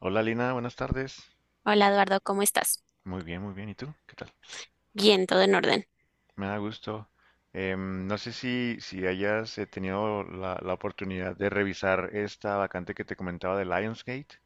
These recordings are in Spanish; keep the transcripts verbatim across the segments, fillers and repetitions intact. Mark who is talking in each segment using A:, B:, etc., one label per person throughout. A: Hola Lina, buenas tardes.
B: Hola Eduardo, ¿cómo estás?
A: Muy bien, muy bien. ¿Y tú? ¿Qué tal?
B: Bien, todo en orden.
A: Me da gusto. Em, no sé si, si hayas eh, tenido la, la oportunidad de revisar esta vacante que te comentaba de Lionsgate.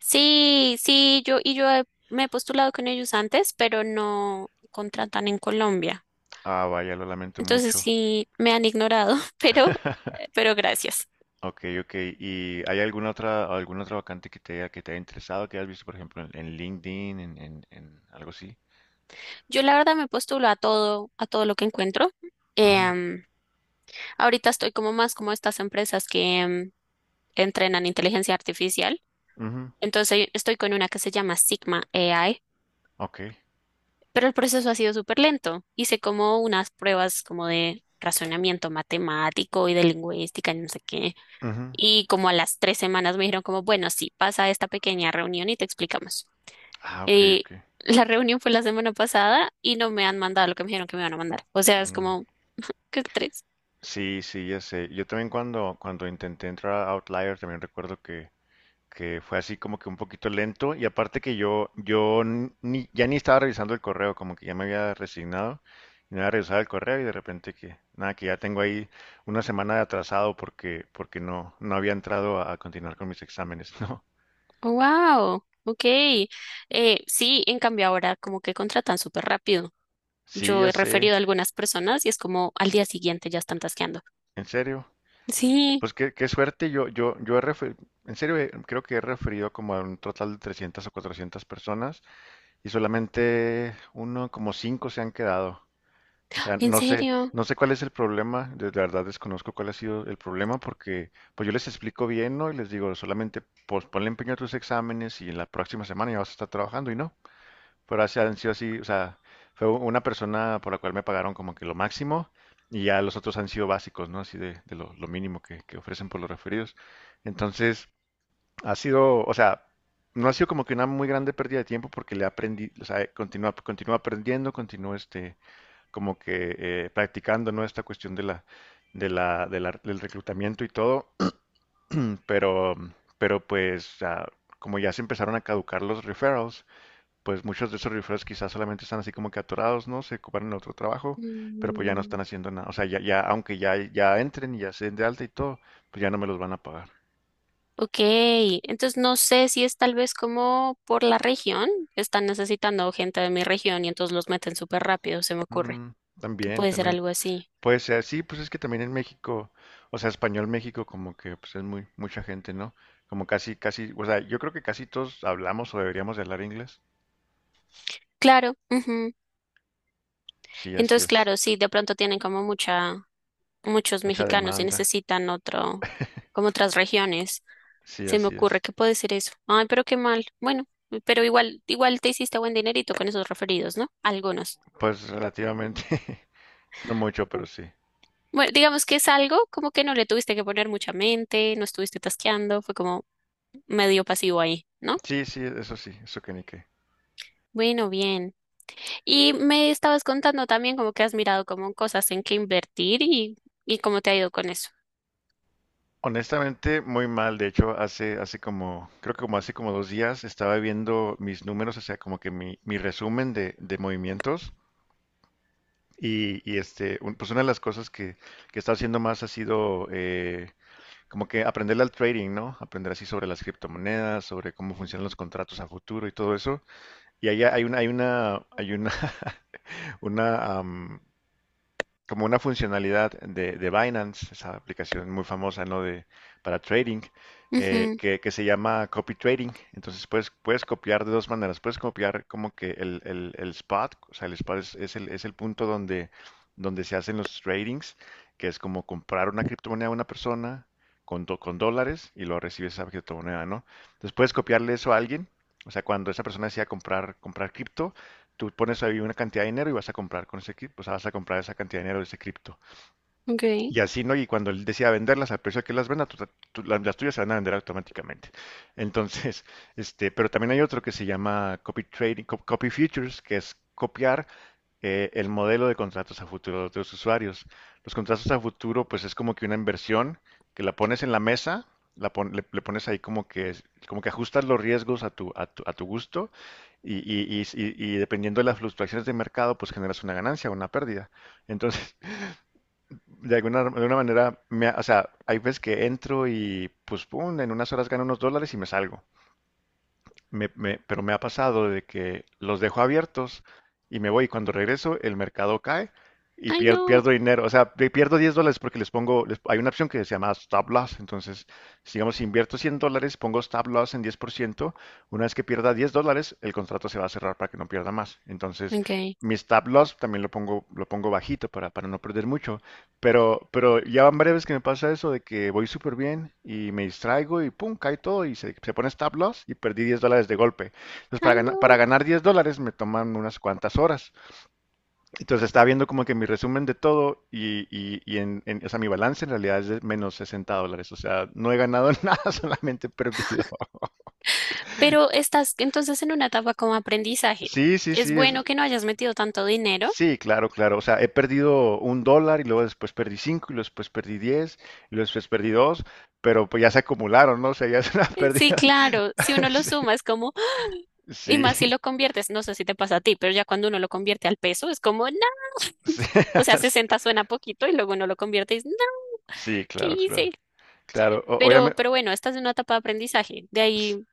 B: Sí, sí, yo y yo he- me he postulado con ellos antes, pero no contratan en Colombia.
A: Ah, vaya, lo lamento
B: Entonces
A: mucho.
B: sí me han ignorado, pero pero gracias.
A: Ok, ok. ¿Y hay alguna otra, alguna otra vacante que te haya, que te haya interesado, que hayas visto, por ejemplo, en, en LinkedIn, en, en- en algo así?
B: Yo la verdad me postulo a todo, a todo lo que encuentro.
A: Ujú,
B: Em, Ahorita estoy como más como estas empresas que em, entrenan inteligencia artificial.
A: ujú.
B: Entonces estoy con una que se llama Sigma A I.
A: Ok.
B: Pero el proceso ha sido súper lento. Hice como unas pruebas como de razonamiento matemático y de lingüística y no sé qué.
A: Ujú.
B: Y como a las tres semanas me dijeron como, bueno, sí, pasa a esta pequeña reunión y te explicamos.
A: Ah, ok,
B: Y
A: ok.
B: la reunión fue la semana pasada y no me han mandado lo que me dijeron que me van a mandar. O sea, es
A: Mm.
B: como, ¿qué tres?
A: Sí, sí, ya sé. Yo también cuando, cuando intenté entrar a Outlier también recuerdo que, que fue así como que un poquito lento y aparte que yo, yo n- ni, ya ni estaba revisando el correo, como que ya me había resignado y no había revisado el correo y de repente que, nada, que ya tengo ahí una semana de atrasado porque, porque no, no había entrado a, a continuar con mis exámenes, ¿no?
B: Wow, ok. Eh, sí, en cambio ahora como que contratan súper rápido.
A: Sí,
B: Yo
A: ya
B: he
A: sé,
B: referido a algunas personas y es como al día siguiente ya están tasqueando.
A: en serio.
B: Sí,
A: Pues qué, qué suerte, yo, yo, yo he referido, en serio. Eh, creo que he referido como a un total de trescientas o cuatrocientas personas. Y solamente uno, como cinco se han quedado. O sea,
B: en
A: no sé,
B: serio.
A: no sé cuál es el problema, de la verdad desconozco cuál ha sido el problema, porque pues yo les explico bien, ¿no? Y les digo, solamente pues ponle empeño a tus exámenes y en la próxima semana ya vas a estar trabajando, y no. Pero así han sido, así, o sea, fue u- una persona por la cual me pagaron como que lo máximo, y ya los otros han sido básicos, ¿no? Así de, de lo, lo mínimo que, que ofrecen por los referidos. Entonces, ha sido, o sea, no ha sido como que una muy grande pérdida de tiempo, porque le aprendí, o sea, continúa, continúa aprendiendo, continúa este, como que eh, practicando, ¿no? Esta cuestión de la, de la, de la- del reclutamiento y todo, pero, pero pues, ah, como ya se empezaron a caducar los referrals, pues muchos de esos referrals quizás solamente están así como que atorados, ¿no? Se ocuparon en otro trabajo, pero pues ya no
B: Mm.
A: están haciendo nada, o sea, ya, ya, aunque ya, ya entren y ya se den de alta y todo, pues ya no me los van a pagar.
B: Ok, entonces no sé si es tal vez como por la región, están necesitando gente de mi región y entonces los meten súper rápido, se me ocurre
A: Mm,
B: que
A: también,
B: puede ser
A: también.
B: algo así.
A: Puede ser, sí, pues es que también en México, o sea, español México como que pues es muy mucha gente, ¿no? Como casi, casi, o sea, yo creo que casi todos hablamos o deberíamos de hablar inglés.
B: Claro, ujú.
A: Sí, así
B: Entonces
A: es.
B: claro, sí, de pronto tienen como mucha, muchos
A: Mucha
B: mexicanos y
A: demanda.
B: necesitan otro, como otras regiones,
A: Sí,
B: se me
A: así
B: ocurre
A: es.
B: que puede ser eso. Ay, pero qué mal. Bueno, pero igual, igual te hiciste buen dinerito con esos referidos, ¿no? Algunos.
A: Pues relativamente, no mucho, pero sí.
B: Bueno, digamos que es algo como que no le tuviste que poner mucha mente, no estuviste tasqueando, fue como medio pasivo ahí, ¿no?
A: Sí, sí, eso sí, eso que ni qué.
B: Bueno, bien. Y me estabas contando también como que has mirado como cosas en que invertir y, y cómo te ha ido con eso.
A: Honestamente, muy mal. De hecho, hace, hace como, creo que como hace como dos días estaba viendo mis números, o sea, como que mi, mi resumen de, de movimientos. Y, y, este, un- pues una de las cosas que, que he estado haciendo más ha sido, eh, como que aprenderle al trading, ¿no? Aprender así sobre las criptomonedas, sobre cómo funcionan los contratos a futuro y todo eso. Y ahí hay una, hay una, hay una, una, como una funcionalidad de, de Binance, esa aplicación muy famosa, ¿no? De, para trading, eh,
B: Ujú,
A: que, que se llama copy trading. Entonces puedes, puedes copiar de dos maneras. Puedes copiar como que el, el, el spot, o sea, el spot es, es el, es el punto donde, donde se hacen los tradings, que es como comprar una criptomoneda a una persona con, do- con dólares y luego recibes esa criptomoneda, ¿no? Entonces puedes copiarle eso a alguien. O sea, cuando esa persona decía comprar, comprar cripto. Tú pones ahí una cantidad de dinero y vas a comprar con ese cripto, o sea, vas a comprar esa cantidad de dinero de ese cripto.
B: ok.
A: Y así, ¿no? Y cuando él decida venderlas, al precio que las venda, tú- tú- las, las tuyas se van a vender automáticamente. Entonces, este, pero también hay otro que se llama copy trading, co- copy futures, que es copiar eh, el modelo de contratos a futuro de los usuarios. Los contratos a futuro, pues es como que una inversión que la pones en la mesa, la pon- le, le pones ahí como que, como que ajustas los riesgos a tu, a tu, a tu gusto, y, y- y- y- y dependiendo de las fluctuaciones de mercado, pues generas una ganancia o una pérdida. Entonces, de alguna, de alguna manera, me ha- o sea, hay veces que entro y pues, pum, en unas horas gano unos dólares y me salgo. Me- me- pero me ha pasado de que los dejo abiertos y me voy, y cuando regreso el mercado cae y
B: Ay,
A: pier-
B: no.
A: pierdo dinero. O sea, pe- pierdo diez dólares porque les pongo, les- hay una opción que se llama stop loss. Entonces, si, digamos, si invierto cien dólares, pongo stop loss en diez por ciento. Una vez que pierda diez dólares, el contrato se va a cerrar para que no pierda más. Entonces,
B: Ok.
A: mi stop loss también lo pongo, lo pongo bajito para, para no perder mucho. Pero, pero ya van varias veces que me pasa eso, de que voy súper bien y me distraigo y pum, cae todo y se, se pone stop loss, y perdí diez dólares de golpe. Entonces, para
B: Ay,
A: ganar, para
B: no.
A: ganar diez dólares me toman unas cuantas horas. Entonces, estaba viendo como que mi resumen de todo y, y, y en, en- o sea, mi balance en realidad es de menos sesenta dólares. O sea, no he ganado nada, solamente he perdido.
B: Pero estás entonces en una etapa como aprendizaje.
A: Sí, sí, sí,
B: Es
A: es.
B: bueno que no hayas metido tanto dinero.
A: Sí, claro, claro. O sea, he perdido un dólar, y luego después perdí cinco, y luego después perdí diez, y luego después perdí dos, pero pues ya se acumularon, ¿no? O sea, ya es una
B: Eh, Sí,
A: pérdida.
B: claro, si uno lo
A: Sí,
B: suma es como, y
A: sí,
B: más si lo conviertes, no sé si te pasa a ti, pero ya cuando uno lo convierte al peso es como, no,
A: sí,
B: o sea, sesenta suena poquito y luego uno lo convierte y dices, no,
A: sí,
B: ¿qué
A: claro,
B: hice?
A: claro. Claro,
B: Pero,
A: obviamente.
B: pero bueno, esta es una etapa de aprendizaje. De ahí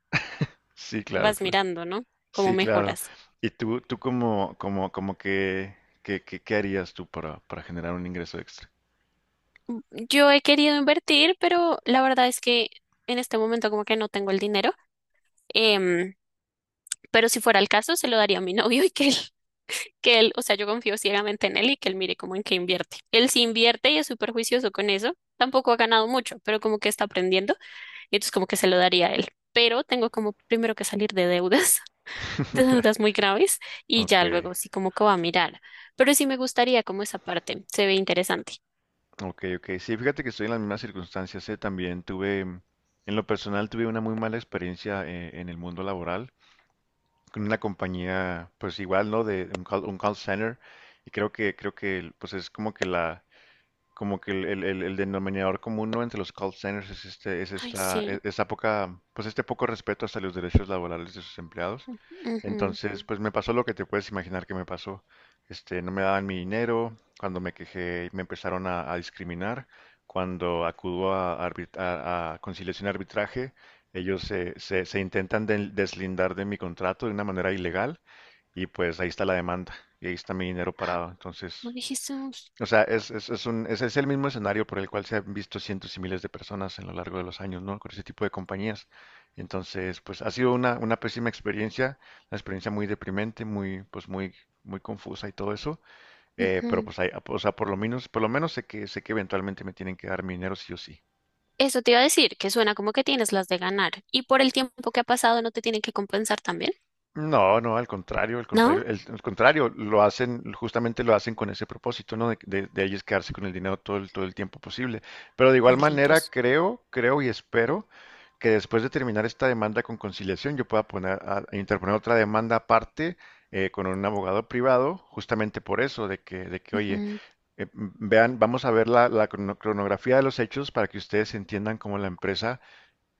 A: Sí, claro,
B: vas
A: claro.
B: mirando, ¿no? Cómo
A: Sí, claro.
B: mejoras.
A: ¿Y tú, tú como, como, como que, que, que- qué harías tú para, para generar un ingreso extra?
B: Yo he querido invertir, pero la verdad es que en este momento como que no tengo el dinero. Em, pero si fuera el caso, se lo daría a mi novio y que él, que él, o sea, yo confío ciegamente en él y que él mire cómo en qué invierte. Él sí invierte y es súper juicioso con eso. Tampoco ha ganado mucho, pero como que está aprendiendo y entonces como que se lo daría a él. Pero tengo como primero que salir de deudas. De dudas muy graves y ya
A: Ok,
B: luego sí como que va a mirar. Pero sí me gustaría como esa parte, se ve interesante.
A: ok, ok. Sí, fíjate que estoy en las mismas circunstancias. eh, También tuve, mm, en lo personal, tuve una muy mala experiencia eh, en el mundo laboral, con una compañía, pues igual, ¿no? De un call, un call, center. Y creo que, creo que, pues es como que la, como que el, el- el- el denominador común, ¿no? Entre los call centers es este, es
B: Ay,
A: esta,
B: sí.
A: e- esa poca, pues este poco respeto hacia los derechos laborales de sus empleados.
B: Ujú.
A: Entonces, pues me pasó lo que te puedes imaginar que me pasó. Este, no me daban mi dinero; cuando me quejé me empezaron a, a discriminar; cuando acudo a, arbit- a- a conciliación y arbitraje, ellos se, se- se intentan del- deslindar de mi contrato de una manera ilegal, y pues ahí está la demanda y ahí está mi dinero parado. Entonces,
B: No dijimos.
A: o sea, es, es, es un, es, es el mismo escenario por el cual se han visto cientos y miles de personas en lo largo de los años, ¿no? Con ese tipo de compañías. Entonces, pues ha sido una, una pésima experiencia, una experiencia muy deprimente, muy, pues muy, muy confusa y todo eso. Eh, pero
B: Ujú.
A: pues hay, o sea, por lo menos, por lo menos sé que, sé que eventualmente me tienen que dar mi dinero sí o sí.
B: Eso te iba a decir, que suena como que tienes las de ganar. Y por el tiempo que ha pasado, ¿no te tienen que compensar también?
A: No, no, al contrario, al
B: ¿No?
A: contrario, el, al contrario, lo hacen, justamente lo hacen con ese propósito, ¿no? De, de, de ellos quedarse con el dinero todo el, todo el tiempo posible. Pero de igual manera,
B: Malditos.
A: creo, creo y espero que, después de terminar esta demanda con conciliación, yo pueda poner a, a interponer otra demanda aparte, eh, con un abogado privado, justamente por eso, de que, de que oye,
B: Ujú.
A: eh, vean, vamos a ver la, la crono- cronografía de los hechos para que ustedes entiendan cómo la empresa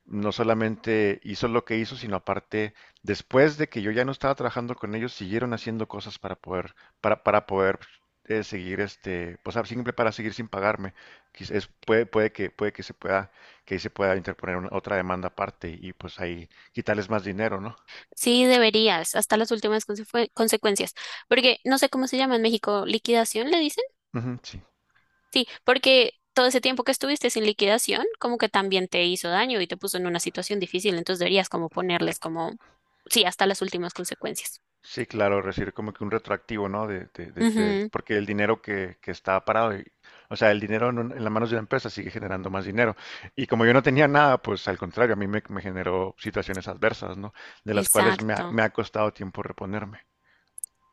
A: no solamente hizo lo que hizo, sino aparte, después de que yo ya no estaba trabajando con ellos, siguieron haciendo cosas para poder, para, para poder eh, seguir este, pues ah, simple, para seguir sin pagarme. Quiz- es- puede, puede que, puede que se pueda, que ahí se pueda interponer una- otra demanda aparte, y pues ahí quitarles más dinero, ¿no?
B: Sí, deberías, hasta las últimas consecu- consecuencias. Porque no sé cómo se llama en México, liquidación, le dicen.
A: Ujú, sí.
B: Sí, porque todo ese tiempo que estuviste sin liquidación, como que también te hizo daño y te puso en una situación difícil, entonces deberías como ponerles como, sí, hasta las últimas consecuencias.
A: Sí, claro, recibir como que un retroactivo, ¿no? De, de, de, de-
B: Ujú.
A: porque el dinero que, que está parado, y- o sea, el dinero en, un- en las manos de la empresa sigue generando más dinero. Y como yo no tenía nada, pues al contrario, a mí me, me generó situaciones adversas, ¿no? De las cuales me ha,
B: Exacto,
A: me ha costado tiempo reponerme.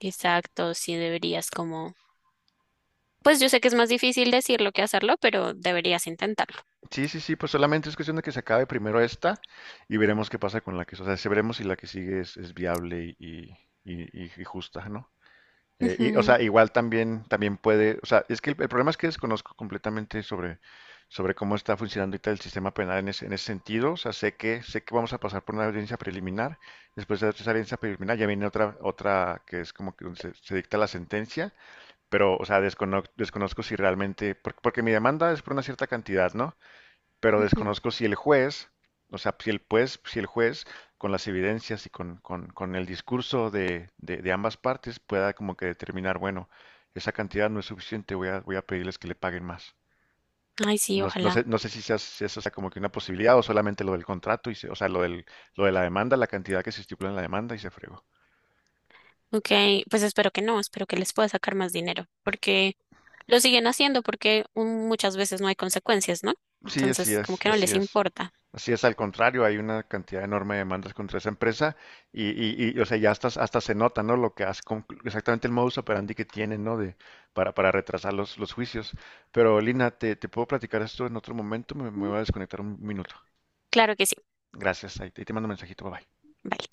B: exacto, sí deberías como, pues yo sé que es más difícil decirlo que hacerlo, pero deberías intentarlo.
A: Sí, sí, sí, pues solamente es cuestión de que se acabe primero esta, y veremos qué pasa con la que, o sea, si veremos si la que sigue es, es viable y, y, y- y justa, ¿no? Eh, y, o
B: Ujú,
A: sea, igual también, también puede, o sea, es que el, el problema es que desconozco completamente sobre, sobre cómo está funcionando ahorita el sistema penal en ese, en ese sentido. O sea, sé que, sé que vamos a pasar por una audiencia preliminar. Después de esa audiencia preliminar ya viene otra, otra que es como que donde se, se dicta la sentencia. Pero, o sea, descono- desconozco si realmente, porque, porque mi demanda es por una cierta cantidad, ¿no? Pero
B: ujú.
A: desconozco si el juez, o sea, si el juez, si el juez con las evidencias y con, con- con el discurso de, de- de ambas partes pueda como que determinar, bueno, esa cantidad no es suficiente, voy a, voy a pedirles que le paguen más.
B: Ay, sí,
A: No, no sé,
B: ojalá.
A: no sé si, sea, si eso sea como que una posibilidad, o solamente lo del contrato, y se- o sea, lo del, lo de la demanda, la cantidad que se estipula en la demanda, y se fregó.
B: Ok, pues espero que no, espero que les pueda sacar más dinero, porque lo siguen haciendo porque mm, muchas veces no hay consecuencias, ¿no?
A: Sí, así
B: Entonces, como
A: es,
B: que no
A: así
B: les
A: es.
B: importa.
A: Así es, al contrario, hay una cantidad enorme de demandas contra esa empresa, y, y, y, o sea, ya hasta, hasta se nota, ¿no? Lo que hace, con- exactamente el modus operandi que tienen, ¿no? De, para, para retrasar los, los juicios. Pero, Lina, te, te puedo platicar esto en otro momento, me, me
B: Mm.
A: voy a desconectar un minuto.
B: Claro que sí.
A: Gracias, ahí te ahí te mando un mensajito, bye bye.
B: Vale.